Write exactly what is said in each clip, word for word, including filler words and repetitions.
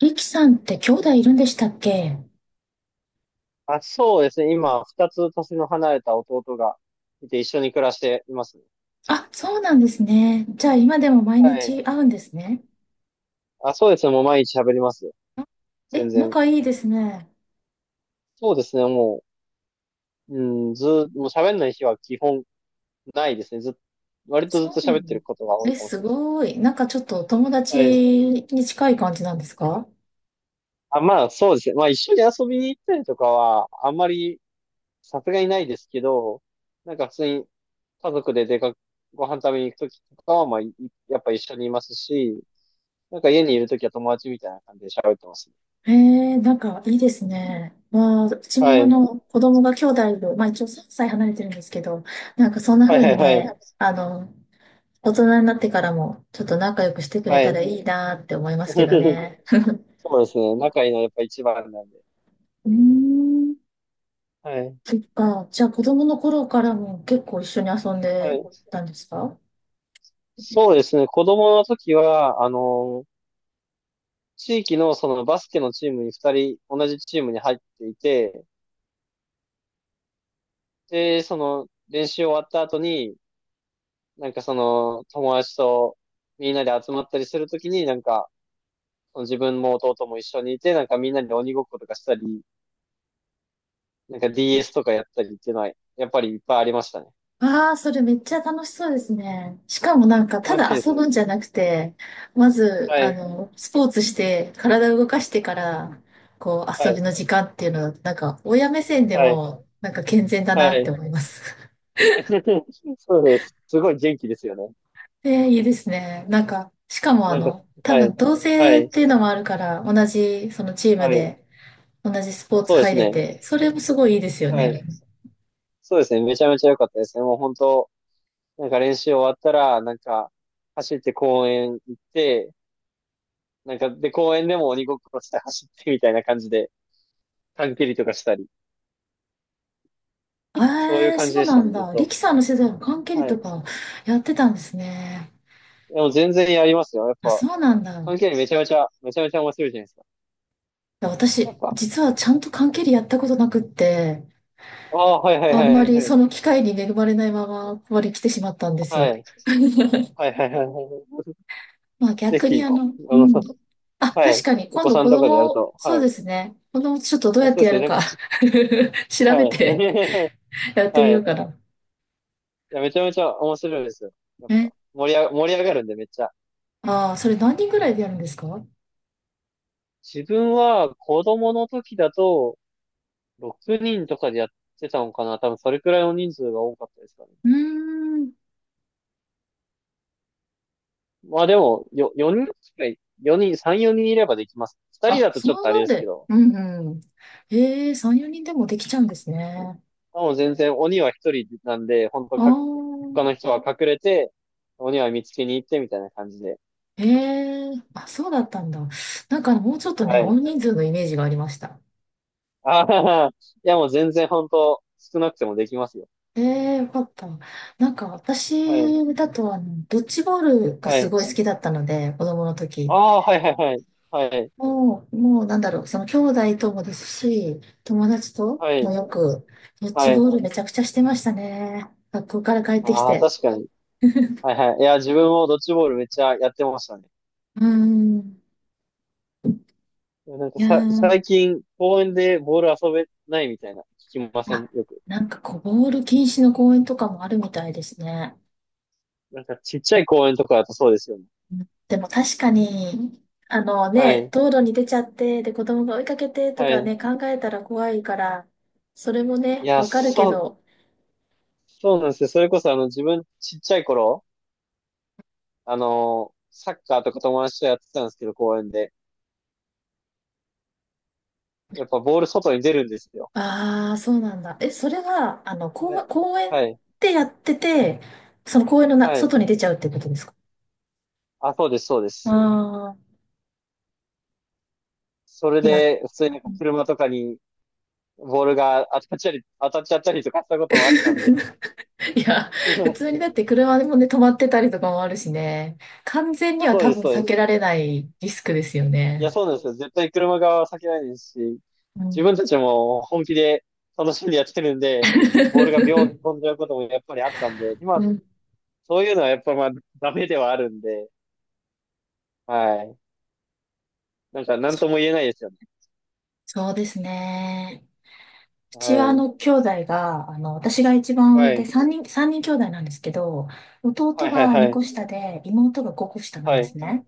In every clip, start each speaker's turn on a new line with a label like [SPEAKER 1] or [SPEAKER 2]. [SPEAKER 1] リキさんって兄弟いるんでしたっけ？
[SPEAKER 2] あ、そうですね。今、二つ年の離れた弟がいて一緒に暮らしていますね。
[SPEAKER 1] あ、そうなんですね。じゃあ今でも毎
[SPEAKER 2] はい。
[SPEAKER 1] 日会うんですね。
[SPEAKER 2] あ、そうですね。もう毎日喋りますよ。
[SPEAKER 1] あ。
[SPEAKER 2] 全
[SPEAKER 1] え、
[SPEAKER 2] 然。
[SPEAKER 1] 仲いいですね。
[SPEAKER 2] そうですね。もう、うん、ずー、もう喋んない日は基本ないですね。ずっ、割とずっ
[SPEAKER 1] そう
[SPEAKER 2] と
[SPEAKER 1] な
[SPEAKER 2] 喋っ
[SPEAKER 1] んだ。
[SPEAKER 2] てることが多
[SPEAKER 1] え、
[SPEAKER 2] いかもし
[SPEAKER 1] す
[SPEAKER 2] れな
[SPEAKER 1] ごい。なんかちょっとお友
[SPEAKER 2] い
[SPEAKER 1] 達
[SPEAKER 2] です。はい。
[SPEAKER 1] に近い感じなんですか？
[SPEAKER 2] あ、まあ、そうですね。まあ、一緒に遊びに行ったりとかは、あんまり、さすがにないですけど、なんか普通に家族で出かけ、ご飯食べに行くときとかは、まあ、いやっぱ一緒にいますし、なんか家にいるときは友達みたいな感じで喋ってますね。
[SPEAKER 1] えー、なんかいいですね。まあ、うち
[SPEAKER 2] は
[SPEAKER 1] もあ
[SPEAKER 2] い。
[SPEAKER 1] の、子供が兄弟で、まあ一応さんさい離れてるんですけど、なんかそんな
[SPEAKER 2] はい
[SPEAKER 1] 風
[SPEAKER 2] は
[SPEAKER 1] に
[SPEAKER 2] いはい。
[SPEAKER 1] ね、あの、大人になってからもちょっと仲良くしてくれ
[SPEAKER 2] は
[SPEAKER 1] たら
[SPEAKER 2] い。
[SPEAKER 1] いいなって思いますけど ね。
[SPEAKER 2] そうですね。仲いいのはやっぱ一番なんで。
[SPEAKER 1] うーん。
[SPEAKER 2] はい。
[SPEAKER 1] そっか。じゃあ子供の頃からも結構一緒に遊ん
[SPEAKER 2] は
[SPEAKER 1] で
[SPEAKER 2] い。
[SPEAKER 1] たんですか？
[SPEAKER 2] そうですね。子供の時は、あの、地域のそのバスケのチームに二人、同じチームに入っていて、で、その練習終わった後に、なんかその友達とみんなで集まったりするときに、なんか、その自分も弟も一緒にいて、なんかみんなで鬼ごっことかしたり、なんか ディーエス とかやったりっていうのは、やっぱりいっぱいありましたね。
[SPEAKER 1] ああ、それめっちゃ楽しそうですね。しかもなんか、た
[SPEAKER 2] 楽し
[SPEAKER 1] だ
[SPEAKER 2] いです
[SPEAKER 1] 遊ぶん
[SPEAKER 2] ね。
[SPEAKER 1] じゃなくて、まず、
[SPEAKER 2] は
[SPEAKER 1] あ
[SPEAKER 2] い。
[SPEAKER 1] の、スポーツして、体を動かしてか ら、こう、
[SPEAKER 2] は
[SPEAKER 1] 遊び
[SPEAKER 2] い。
[SPEAKER 1] の時間っていうのだと、なんか、親目線で
[SPEAKER 2] はい。
[SPEAKER 1] も、なんか健全だ
[SPEAKER 2] は
[SPEAKER 1] なって
[SPEAKER 2] い。
[SPEAKER 1] 思います。
[SPEAKER 2] そうです。すごい元気ですよね。
[SPEAKER 1] ええ、いいですね。なんか、しかもあ
[SPEAKER 2] なんか、
[SPEAKER 1] の、多
[SPEAKER 2] はい。
[SPEAKER 1] 分同
[SPEAKER 2] は
[SPEAKER 1] 性
[SPEAKER 2] い。
[SPEAKER 1] っていうのもあるから、同じそのチーム
[SPEAKER 2] はい。
[SPEAKER 1] で、同じスポーツ
[SPEAKER 2] そうで
[SPEAKER 1] 入
[SPEAKER 2] す
[SPEAKER 1] れ
[SPEAKER 2] ね。
[SPEAKER 1] て、それもすごいいいですよ
[SPEAKER 2] は
[SPEAKER 1] ね。
[SPEAKER 2] い。そうですね。めちゃめちゃ良かったですね。もう本当、なんか練習終わったら、なんか、走って公園行って、なんか、で、公園でも鬼ごっこして走ってみたいな感じで、短距離とかしたり、
[SPEAKER 1] え
[SPEAKER 2] そういう
[SPEAKER 1] え、
[SPEAKER 2] 感じ
[SPEAKER 1] そう
[SPEAKER 2] でし
[SPEAKER 1] な
[SPEAKER 2] た
[SPEAKER 1] ん
[SPEAKER 2] ね、ずっ
[SPEAKER 1] だ。リ
[SPEAKER 2] と。
[SPEAKER 1] キさんの世代も缶蹴り
[SPEAKER 2] は
[SPEAKER 1] と
[SPEAKER 2] い。
[SPEAKER 1] かやってたんですね？
[SPEAKER 2] でも全然やりますよ。やっ
[SPEAKER 1] あ、
[SPEAKER 2] ぱ、
[SPEAKER 1] そうなんだ。
[SPEAKER 2] 短距
[SPEAKER 1] い
[SPEAKER 2] 離めちゃめちゃ、めちゃめちゃ面白いじゃないですか。
[SPEAKER 1] や
[SPEAKER 2] や
[SPEAKER 1] 私、
[SPEAKER 2] っぱ。
[SPEAKER 1] 実はちゃんと缶蹴りやったことなくって、
[SPEAKER 2] ああ、はいはい
[SPEAKER 1] あ
[SPEAKER 2] は
[SPEAKER 1] ん
[SPEAKER 2] い
[SPEAKER 1] ま
[SPEAKER 2] はい
[SPEAKER 1] り
[SPEAKER 2] はい。
[SPEAKER 1] その機会に恵まれないままここに来てしまったんです
[SPEAKER 2] は
[SPEAKER 1] よ。
[SPEAKER 2] い。はいはいはいはい。
[SPEAKER 1] まあ
[SPEAKER 2] ぜ
[SPEAKER 1] 逆に
[SPEAKER 2] ひ、
[SPEAKER 1] あ
[SPEAKER 2] こ
[SPEAKER 1] の、う
[SPEAKER 2] あの、
[SPEAKER 1] ん。
[SPEAKER 2] さ
[SPEAKER 1] あ、
[SPEAKER 2] は
[SPEAKER 1] 確
[SPEAKER 2] い。
[SPEAKER 1] かに
[SPEAKER 2] お
[SPEAKER 1] 今
[SPEAKER 2] 子
[SPEAKER 1] 度
[SPEAKER 2] さん
[SPEAKER 1] 子
[SPEAKER 2] とかでやる
[SPEAKER 1] 供、
[SPEAKER 2] と、
[SPEAKER 1] そ
[SPEAKER 2] は
[SPEAKER 1] う
[SPEAKER 2] い。
[SPEAKER 1] ですね。子供ちょっとどう
[SPEAKER 2] あ、
[SPEAKER 1] やっ
[SPEAKER 2] そ
[SPEAKER 1] て
[SPEAKER 2] うで
[SPEAKER 1] や
[SPEAKER 2] すよ
[SPEAKER 1] る
[SPEAKER 2] ね。
[SPEAKER 1] か 調
[SPEAKER 2] は
[SPEAKER 1] べて
[SPEAKER 2] い。
[SPEAKER 1] や って
[SPEAKER 2] は
[SPEAKER 1] みよう
[SPEAKER 2] い。
[SPEAKER 1] かな。
[SPEAKER 2] いや、めちゃめちゃ面白いですよ。やっ
[SPEAKER 1] え、
[SPEAKER 2] ぱ、盛りあ、盛り上がるんで、めっちゃ。
[SPEAKER 1] ああ、それ何人ぐらいでやるんですか？う
[SPEAKER 2] 自分は子供の時だと、ろくにんとかでやってたのかな。多分それくらいの人数が多かったですかね。
[SPEAKER 1] ーん。
[SPEAKER 2] まあでも、よ、よにんくらい、よにん、さん、よにんいればできます。ふたり
[SPEAKER 1] あ、
[SPEAKER 2] だと
[SPEAKER 1] そ
[SPEAKER 2] ちょっ
[SPEAKER 1] の
[SPEAKER 2] とあ
[SPEAKER 1] な
[SPEAKER 2] れ
[SPEAKER 1] ん
[SPEAKER 2] ですけ
[SPEAKER 1] で。
[SPEAKER 2] ど、
[SPEAKER 1] うんうん。ええ、さん、よにんでもできちゃうんですね。
[SPEAKER 2] もう全然鬼はひとりなんで、本
[SPEAKER 1] あ
[SPEAKER 2] 当
[SPEAKER 1] あ、
[SPEAKER 2] か、他の人は隠れて、鬼は見つけに行ってみたいな感じで。
[SPEAKER 1] ええ、あ、そうだったんだ。なんかもうちょっと
[SPEAKER 2] は
[SPEAKER 1] ね、大
[SPEAKER 2] い。
[SPEAKER 1] 人数のイメージがありました。
[SPEAKER 2] ああ、いやもう全然本当少なくてもできますよ。
[SPEAKER 1] ええ、よかった。なんか
[SPEAKER 2] はい。
[SPEAKER 1] 私だと、あの、ドッジボールが
[SPEAKER 2] は
[SPEAKER 1] す
[SPEAKER 2] い。
[SPEAKER 1] ごい好きだったので、子供の時。
[SPEAKER 2] ああ、はいはいはい。はい。
[SPEAKER 1] もう、もうなんだろう、その兄弟ともですし、友達と
[SPEAKER 2] は
[SPEAKER 1] も
[SPEAKER 2] い。
[SPEAKER 1] よく、ドッジ
[SPEAKER 2] はい。
[SPEAKER 1] ボールめちゃくちゃしてましたね。学校から帰ってき
[SPEAKER 2] ああ、
[SPEAKER 1] て。
[SPEAKER 2] 確かに。はいはい。いや、自分もドッジボールめっちゃやってましたね。
[SPEAKER 1] うーん。
[SPEAKER 2] いやなん
[SPEAKER 1] い
[SPEAKER 2] か
[SPEAKER 1] や
[SPEAKER 2] さ、最
[SPEAKER 1] ー、
[SPEAKER 2] 近公園でボール遊べないみたいな聞きませ
[SPEAKER 1] あ、
[SPEAKER 2] ん、よく。
[SPEAKER 1] なんかこう、ボール禁止の公園とかもあるみたいですね。
[SPEAKER 2] なんかちっちゃい公園とかだとそうですよね。
[SPEAKER 1] うん、でも確かに、あの
[SPEAKER 2] は
[SPEAKER 1] ね、
[SPEAKER 2] い。
[SPEAKER 1] 道路に出ちゃって、で、子供が追いかけてと
[SPEAKER 2] は
[SPEAKER 1] か
[SPEAKER 2] い。
[SPEAKER 1] ね、考えたら怖いから、それも
[SPEAKER 2] い
[SPEAKER 1] ね、
[SPEAKER 2] や、
[SPEAKER 1] わかるけ
[SPEAKER 2] そう、
[SPEAKER 1] ど、
[SPEAKER 2] そうなんですよ。それこそあの自分ちっちゃい頃、あのサッカーとか友達とやってたんですけど、公園で。やっぱボール外に出るんですよ。
[SPEAKER 1] ああ、そうなんだ。え、それは、あの、公、
[SPEAKER 2] え
[SPEAKER 1] 公園
[SPEAKER 2] はい、
[SPEAKER 1] でやってて、その公園のな、
[SPEAKER 2] はい。
[SPEAKER 1] 外に出ちゃうってことですか？
[SPEAKER 2] あ、そうです、そうです。
[SPEAKER 1] ああ
[SPEAKER 2] それ
[SPEAKER 1] ー、いや、
[SPEAKER 2] で、普通に車とかにボールが当たっちゃり、当たっちゃったりとかしたこともあったんで。
[SPEAKER 1] いや、普通にだ って車でもね、止まってたりとかもあるしね、完全には
[SPEAKER 2] そう
[SPEAKER 1] 多
[SPEAKER 2] です、
[SPEAKER 1] 分
[SPEAKER 2] そう
[SPEAKER 1] 避
[SPEAKER 2] で
[SPEAKER 1] け
[SPEAKER 2] す。
[SPEAKER 1] られないリスクですよ
[SPEAKER 2] いや、
[SPEAKER 1] ね。
[SPEAKER 2] そうなんですよ。絶対車側は避けないですし、
[SPEAKER 1] う
[SPEAKER 2] 自
[SPEAKER 1] ん。
[SPEAKER 2] 分たちも本気で楽しんでやってるんで、ボールがビョンと飛ん じゃうこともやっぱりあったんで、
[SPEAKER 1] う
[SPEAKER 2] 今、
[SPEAKER 1] ん、
[SPEAKER 2] そういうのはやっぱまあ、ダメではあるんで、はい。なんか、なんとも言えないですよね。
[SPEAKER 1] そうですね。う
[SPEAKER 2] は
[SPEAKER 1] ちはあ
[SPEAKER 2] い。
[SPEAKER 1] の兄弟が、あの、私が一番
[SPEAKER 2] は
[SPEAKER 1] 上で
[SPEAKER 2] い。
[SPEAKER 1] さんにん、さんにん兄弟なんですけど、弟
[SPEAKER 2] はい、はい、
[SPEAKER 1] が
[SPEAKER 2] は
[SPEAKER 1] にこ
[SPEAKER 2] い。
[SPEAKER 1] 下で妹がごこ下なん
[SPEAKER 2] は
[SPEAKER 1] で
[SPEAKER 2] い。
[SPEAKER 1] すね。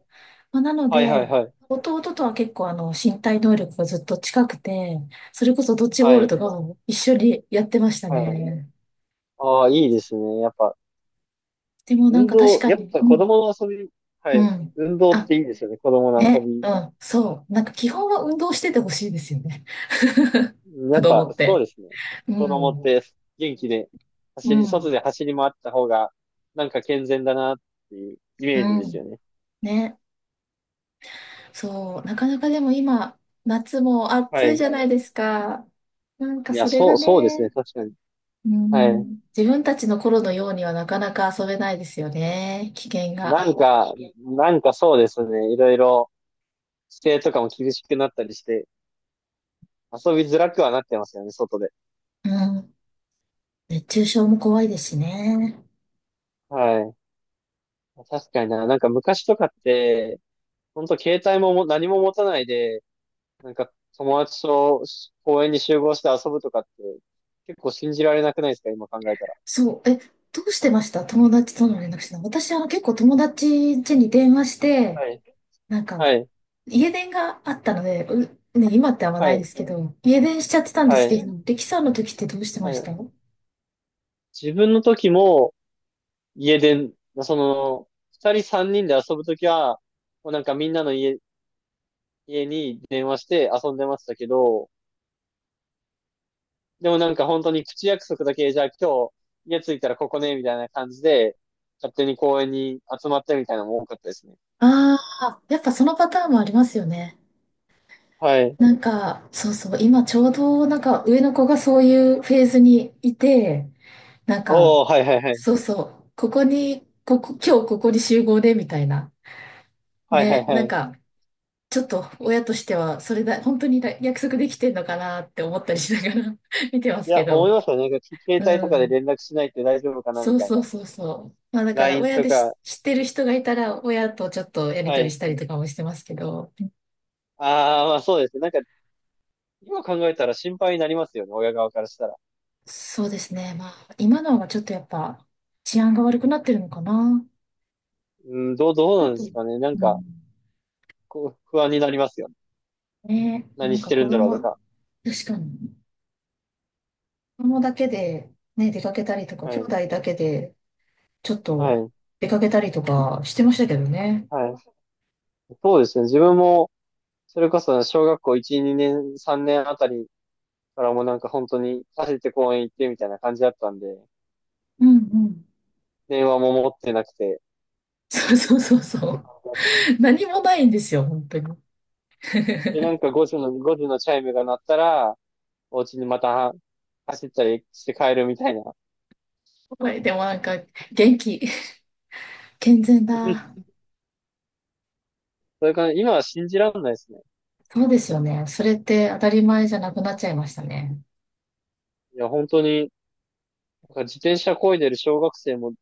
[SPEAKER 1] まあ、なの
[SPEAKER 2] はい、はい、
[SPEAKER 1] で、
[SPEAKER 2] はい。
[SPEAKER 1] 弟とは結構あの身体能力がずっと近くて、それこそドッジボ
[SPEAKER 2] は
[SPEAKER 1] ールと
[SPEAKER 2] い。
[SPEAKER 1] かも一緒にやってました
[SPEAKER 2] はい
[SPEAKER 1] ね。
[SPEAKER 2] ああ、いいですね。やっぱ、
[SPEAKER 1] でもなん
[SPEAKER 2] 運
[SPEAKER 1] か確
[SPEAKER 2] 動、
[SPEAKER 1] か
[SPEAKER 2] やっ
[SPEAKER 1] に、
[SPEAKER 2] ぱ
[SPEAKER 1] う
[SPEAKER 2] 子
[SPEAKER 1] ん、
[SPEAKER 2] 供の遊び、は
[SPEAKER 1] う
[SPEAKER 2] い。
[SPEAKER 1] ん。
[SPEAKER 2] 運動っ
[SPEAKER 1] あ、
[SPEAKER 2] ていいですよね。子供の遊
[SPEAKER 1] ね、
[SPEAKER 2] び。
[SPEAKER 1] うん、そう。なんか基本は運動しててほしいですよね。
[SPEAKER 2] や
[SPEAKER 1] 子
[SPEAKER 2] っぱ、
[SPEAKER 1] 供っ
[SPEAKER 2] そう
[SPEAKER 1] て。
[SPEAKER 2] ですね。
[SPEAKER 1] う
[SPEAKER 2] 子供っ
[SPEAKER 1] ん、
[SPEAKER 2] て元気で、
[SPEAKER 1] う
[SPEAKER 2] 走り、外
[SPEAKER 1] ん、
[SPEAKER 2] で走り回った方が、なんか健全だなっていうイ
[SPEAKER 1] う
[SPEAKER 2] メージです
[SPEAKER 1] ん。
[SPEAKER 2] よね。
[SPEAKER 1] ね、そう。なかなかでも今、夏も
[SPEAKER 2] は
[SPEAKER 1] 暑い
[SPEAKER 2] い。
[SPEAKER 1] じゃないですか。なんか
[SPEAKER 2] いや、
[SPEAKER 1] それ
[SPEAKER 2] そ
[SPEAKER 1] が
[SPEAKER 2] う、そうですね。
[SPEAKER 1] ね、
[SPEAKER 2] 確かに。
[SPEAKER 1] う
[SPEAKER 2] はい。
[SPEAKER 1] ん、自分たちの頃のようにはなかなか遊べないいでですすよね。ね、危険
[SPEAKER 2] な
[SPEAKER 1] が。
[SPEAKER 2] んか、なんかそうですね。いろいろ、規制とかも厳しくなったりして、遊びづらくはなってますよね、外で。
[SPEAKER 1] うん、熱中症も怖いですしね。
[SPEAKER 2] はい。確かにな。なんか昔とかって、本当携帯もも何も持たないで、なんか友達と公園に集合して遊ぶとかって、結構信じられなくないですか今考えたら。
[SPEAKER 1] そう、え、どうしてました、友達との連絡してた？私は結構友達家に電話して、
[SPEAKER 2] はい。
[SPEAKER 1] なんか、
[SPEAKER 2] はい。
[SPEAKER 1] 家電があったので、う、ね、今ってあんま
[SPEAKER 2] は
[SPEAKER 1] ないで
[SPEAKER 2] い。
[SPEAKER 1] すけど、家電しちゃってたんで
[SPEAKER 2] は
[SPEAKER 1] すけど、
[SPEAKER 2] い。
[SPEAKER 1] 力さんの時ってどうしてま
[SPEAKER 2] は
[SPEAKER 1] し
[SPEAKER 2] い。
[SPEAKER 1] た？
[SPEAKER 2] 自分の時も家で、その、二人三人で遊ぶ時は、もうなんかみんなの家、家に電話して遊んでましたけど、でもなんか本当に口約束だけ、じゃあ今日家着いたらここね、みたいな感じで、勝手に公園に集まってみたいなのも多かったですね。
[SPEAKER 1] ああー、やっぱそのパターンもありますよね。
[SPEAKER 2] はい。
[SPEAKER 1] なんか、そうそう、今ちょうどなんか上の子がそういうフェーズにいて、なんか、
[SPEAKER 2] おー、はいはいはい。
[SPEAKER 1] そうそう、ここに、ここ、今日ここに集合でみたいな。
[SPEAKER 2] はいはい
[SPEAKER 1] ね、
[SPEAKER 2] は
[SPEAKER 1] なん
[SPEAKER 2] い。
[SPEAKER 1] か、ちょっと親としては、それだ、本当にだ約束できてんのかなって思ったりしながら 見てま
[SPEAKER 2] い
[SPEAKER 1] すけ
[SPEAKER 2] や、思い
[SPEAKER 1] ど。
[SPEAKER 2] ますよね。なんか携
[SPEAKER 1] う
[SPEAKER 2] 帯とかで
[SPEAKER 1] ん。
[SPEAKER 2] 連絡しないって大丈夫かなみ
[SPEAKER 1] そう
[SPEAKER 2] たい
[SPEAKER 1] そ
[SPEAKER 2] な。
[SPEAKER 1] うそうそう。まあだから
[SPEAKER 2] ライン
[SPEAKER 1] 親
[SPEAKER 2] と
[SPEAKER 1] で
[SPEAKER 2] か。
[SPEAKER 1] し知ってる人がいたら、親とちょっとやり
[SPEAKER 2] は
[SPEAKER 1] とりし
[SPEAKER 2] い。
[SPEAKER 1] たりとかもしてますけど。
[SPEAKER 2] ああ、まあそうですね。なんか、今考えたら心配になりますよね。親側からしたら。
[SPEAKER 1] そうですね。まあ今のはちょっとやっぱ治安が悪くなってるのかな。
[SPEAKER 2] うん、どう、どう
[SPEAKER 1] だ
[SPEAKER 2] なんで
[SPEAKER 1] と、
[SPEAKER 2] すかね。なん
[SPEAKER 1] う
[SPEAKER 2] か、
[SPEAKER 1] ん。
[SPEAKER 2] こう、不安になりますよね。
[SPEAKER 1] ね、な
[SPEAKER 2] 何
[SPEAKER 1] ん
[SPEAKER 2] し
[SPEAKER 1] か
[SPEAKER 2] て
[SPEAKER 1] 子
[SPEAKER 2] るんだろう
[SPEAKER 1] 供、
[SPEAKER 2] とか。
[SPEAKER 1] 確かに。子供だけでね、出かけたりとか、
[SPEAKER 2] は
[SPEAKER 1] 兄
[SPEAKER 2] い。
[SPEAKER 1] 弟だけでちょっ
[SPEAKER 2] は
[SPEAKER 1] と
[SPEAKER 2] い。
[SPEAKER 1] 出かけたりとかしてましたけどね。
[SPEAKER 2] はい。そうですね。自分も、それこそ小学校いち、にねん、さんねんあたりからもなんか本当に走って公園行ってみたいな感じだったんで、
[SPEAKER 1] うんうん。
[SPEAKER 2] 電話も持ってなくて。
[SPEAKER 1] そうそうそう
[SPEAKER 2] っ
[SPEAKER 1] そ
[SPEAKER 2] て
[SPEAKER 1] う。
[SPEAKER 2] 感じだった
[SPEAKER 1] 何もないんですよ、本当に。
[SPEAKER 2] で、なん か5時の、ごじのチャイムが鳴ったら、お家にまた走ったりして帰るみたいな。
[SPEAKER 1] はい、でもなんか、元気、健全だ。
[SPEAKER 2] それから今は信じらんないですね。
[SPEAKER 1] そうですよね。それって当たり前じゃなくなっちゃいましたね。
[SPEAKER 2] いや、本当に、なんか自転車漕いでる小学生も、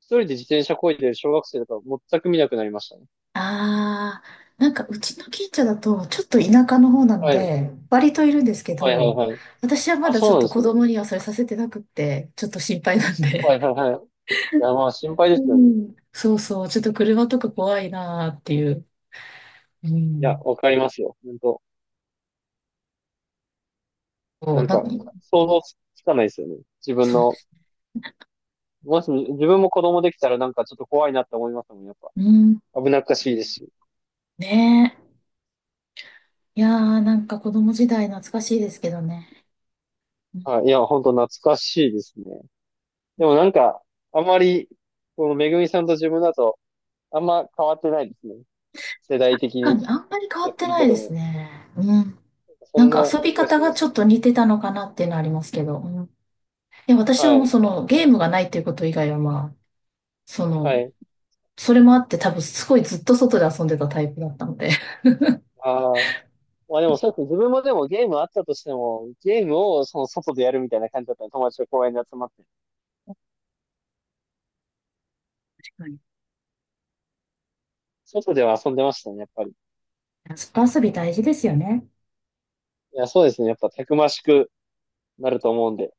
[SPEAKER 2] 一人で自転車漕いでる小学生とか全く見なくなりましたね。
[SPEAKER 1] ああ、なんかうちの近所だと、ちょっと田舎の方なの
[SPEAKER 2] はい。
[SPEAKER 1] で、割といるんですけ
[SPEAKER 2] はいはい
[SPEAKER 1] ど、
[SPEAKER 2] はい。
[SPEAKER 1] 私はま
[SPEAKER 2] あ、
[SPEAKER 1] だち
[SPEAKER 2] そ
[SPEAKER 1] ょ
[SPEAKER 2] う
[SPEAKER 1] っ
[SPEAKER 2] なん
[SPEAKER 1] と
[SPEAKER 2] です
[SPEAKER 1] 子
[SPEAKER 2] ね。
[SPEAKER 1] 供にはそれさせてなくって、ちょっと心配なん
[SPEAKER 2] は
[SPEAKER 1] で。
[SPEAKER 2] いはいはい。いや、まあ心配で
[SPEAKER 1] う
[SPEAKER 2] すよね。
[SPEAKER 1] ん。そうそう、ちょっと車とか怖いなーっていう。う
[SPEAKER 2] いや、
[SPEAKER 1] ん。
[SPEAKER 2] わかりますよ。本当。
[SPEAKER 1] そ
[SPEAKER 2] な
[SPEAKER 1] う、
[SPEAKER 2] ん
[SPEAKER 1] なんか、
[SPEAKER 2] か、想像つかないですよね。自分
[SPEAKER 1] そう、
[SPEAKER 2] の、もし自分も子供できたらなんかちょっと怖いなって思いますもん、やっぱ。
[SPEAKER 1] うん。
[SPEAKER 2] 危なっかしいですし。
[SPEAKER 1] ねえ。いやー、なんか子供時代懐かしいですけどね。
[SPEAKER 2] はい。いや、本当懐かしいですね。でもなんか、あんまり、このめぐみさんと自分だと、あんま変わってないですね。世代的
[SPEAKER 1] な
[SPEAKER 2] に
[SPEAKER 1] んかあんまり変わ
[SPEAKER 2] や
[SPEAKER 1] っ
[SPEAKER 2] っ
[SPEAKER 1] て
[SPEAKER 2] てる
[SPEAKER 1] な
[SPEAKER 2] こ
[SPEAKER 1] いで
[SPEAKER 2] と
[SPEAKER 1] す
[SPEAKER 2] も。
[SPEAKER 1] ね。うん。
[SPEAKER 2] そ
[SPEAKER 1] なん
[SPEAKER 2] ん
[SPEAKER 1] か
[SPEAKER 2] な
[SPEAKER 1] 遊び
[SPEAKER 2] 気が
[SPEAKER 1] 方
[SPEAKER 2] し
[SPEAKER 1] が
[SPEAKER 2] ま
[SPEAKER 1] ち
[SPEAKER 2] す。
[SPEAKER 1] ょっと似てたのかなっていうのはありますけど。うん。いや、私は
[SPEAKER 2] は
[SPEAKER 1] もう
[SPEAKER 2] い。
[SPEAKER 1] そのゲームがないっていうこと以外はまあ、その、
[SPEAKER 2] はい。
[SPEAKER 1] それもあって多分すごいずっと外で遊んでたタイプだったので。
[SPEAKER 2] ああ。まあでもそうですね。自分もでもゲームあったとしても、ゲームをその外でやるみたいな感じだったの。友達と公園で集まって。
[SPEAKER 1] はい。
[SPEAKER 2] 外では遊んでましたね、やっぱり。
[SPEAKER 1] 外遊び大事ですよね。
[SPEAKER 2] いや、そうですね。やっぱたくましくなると思うんで。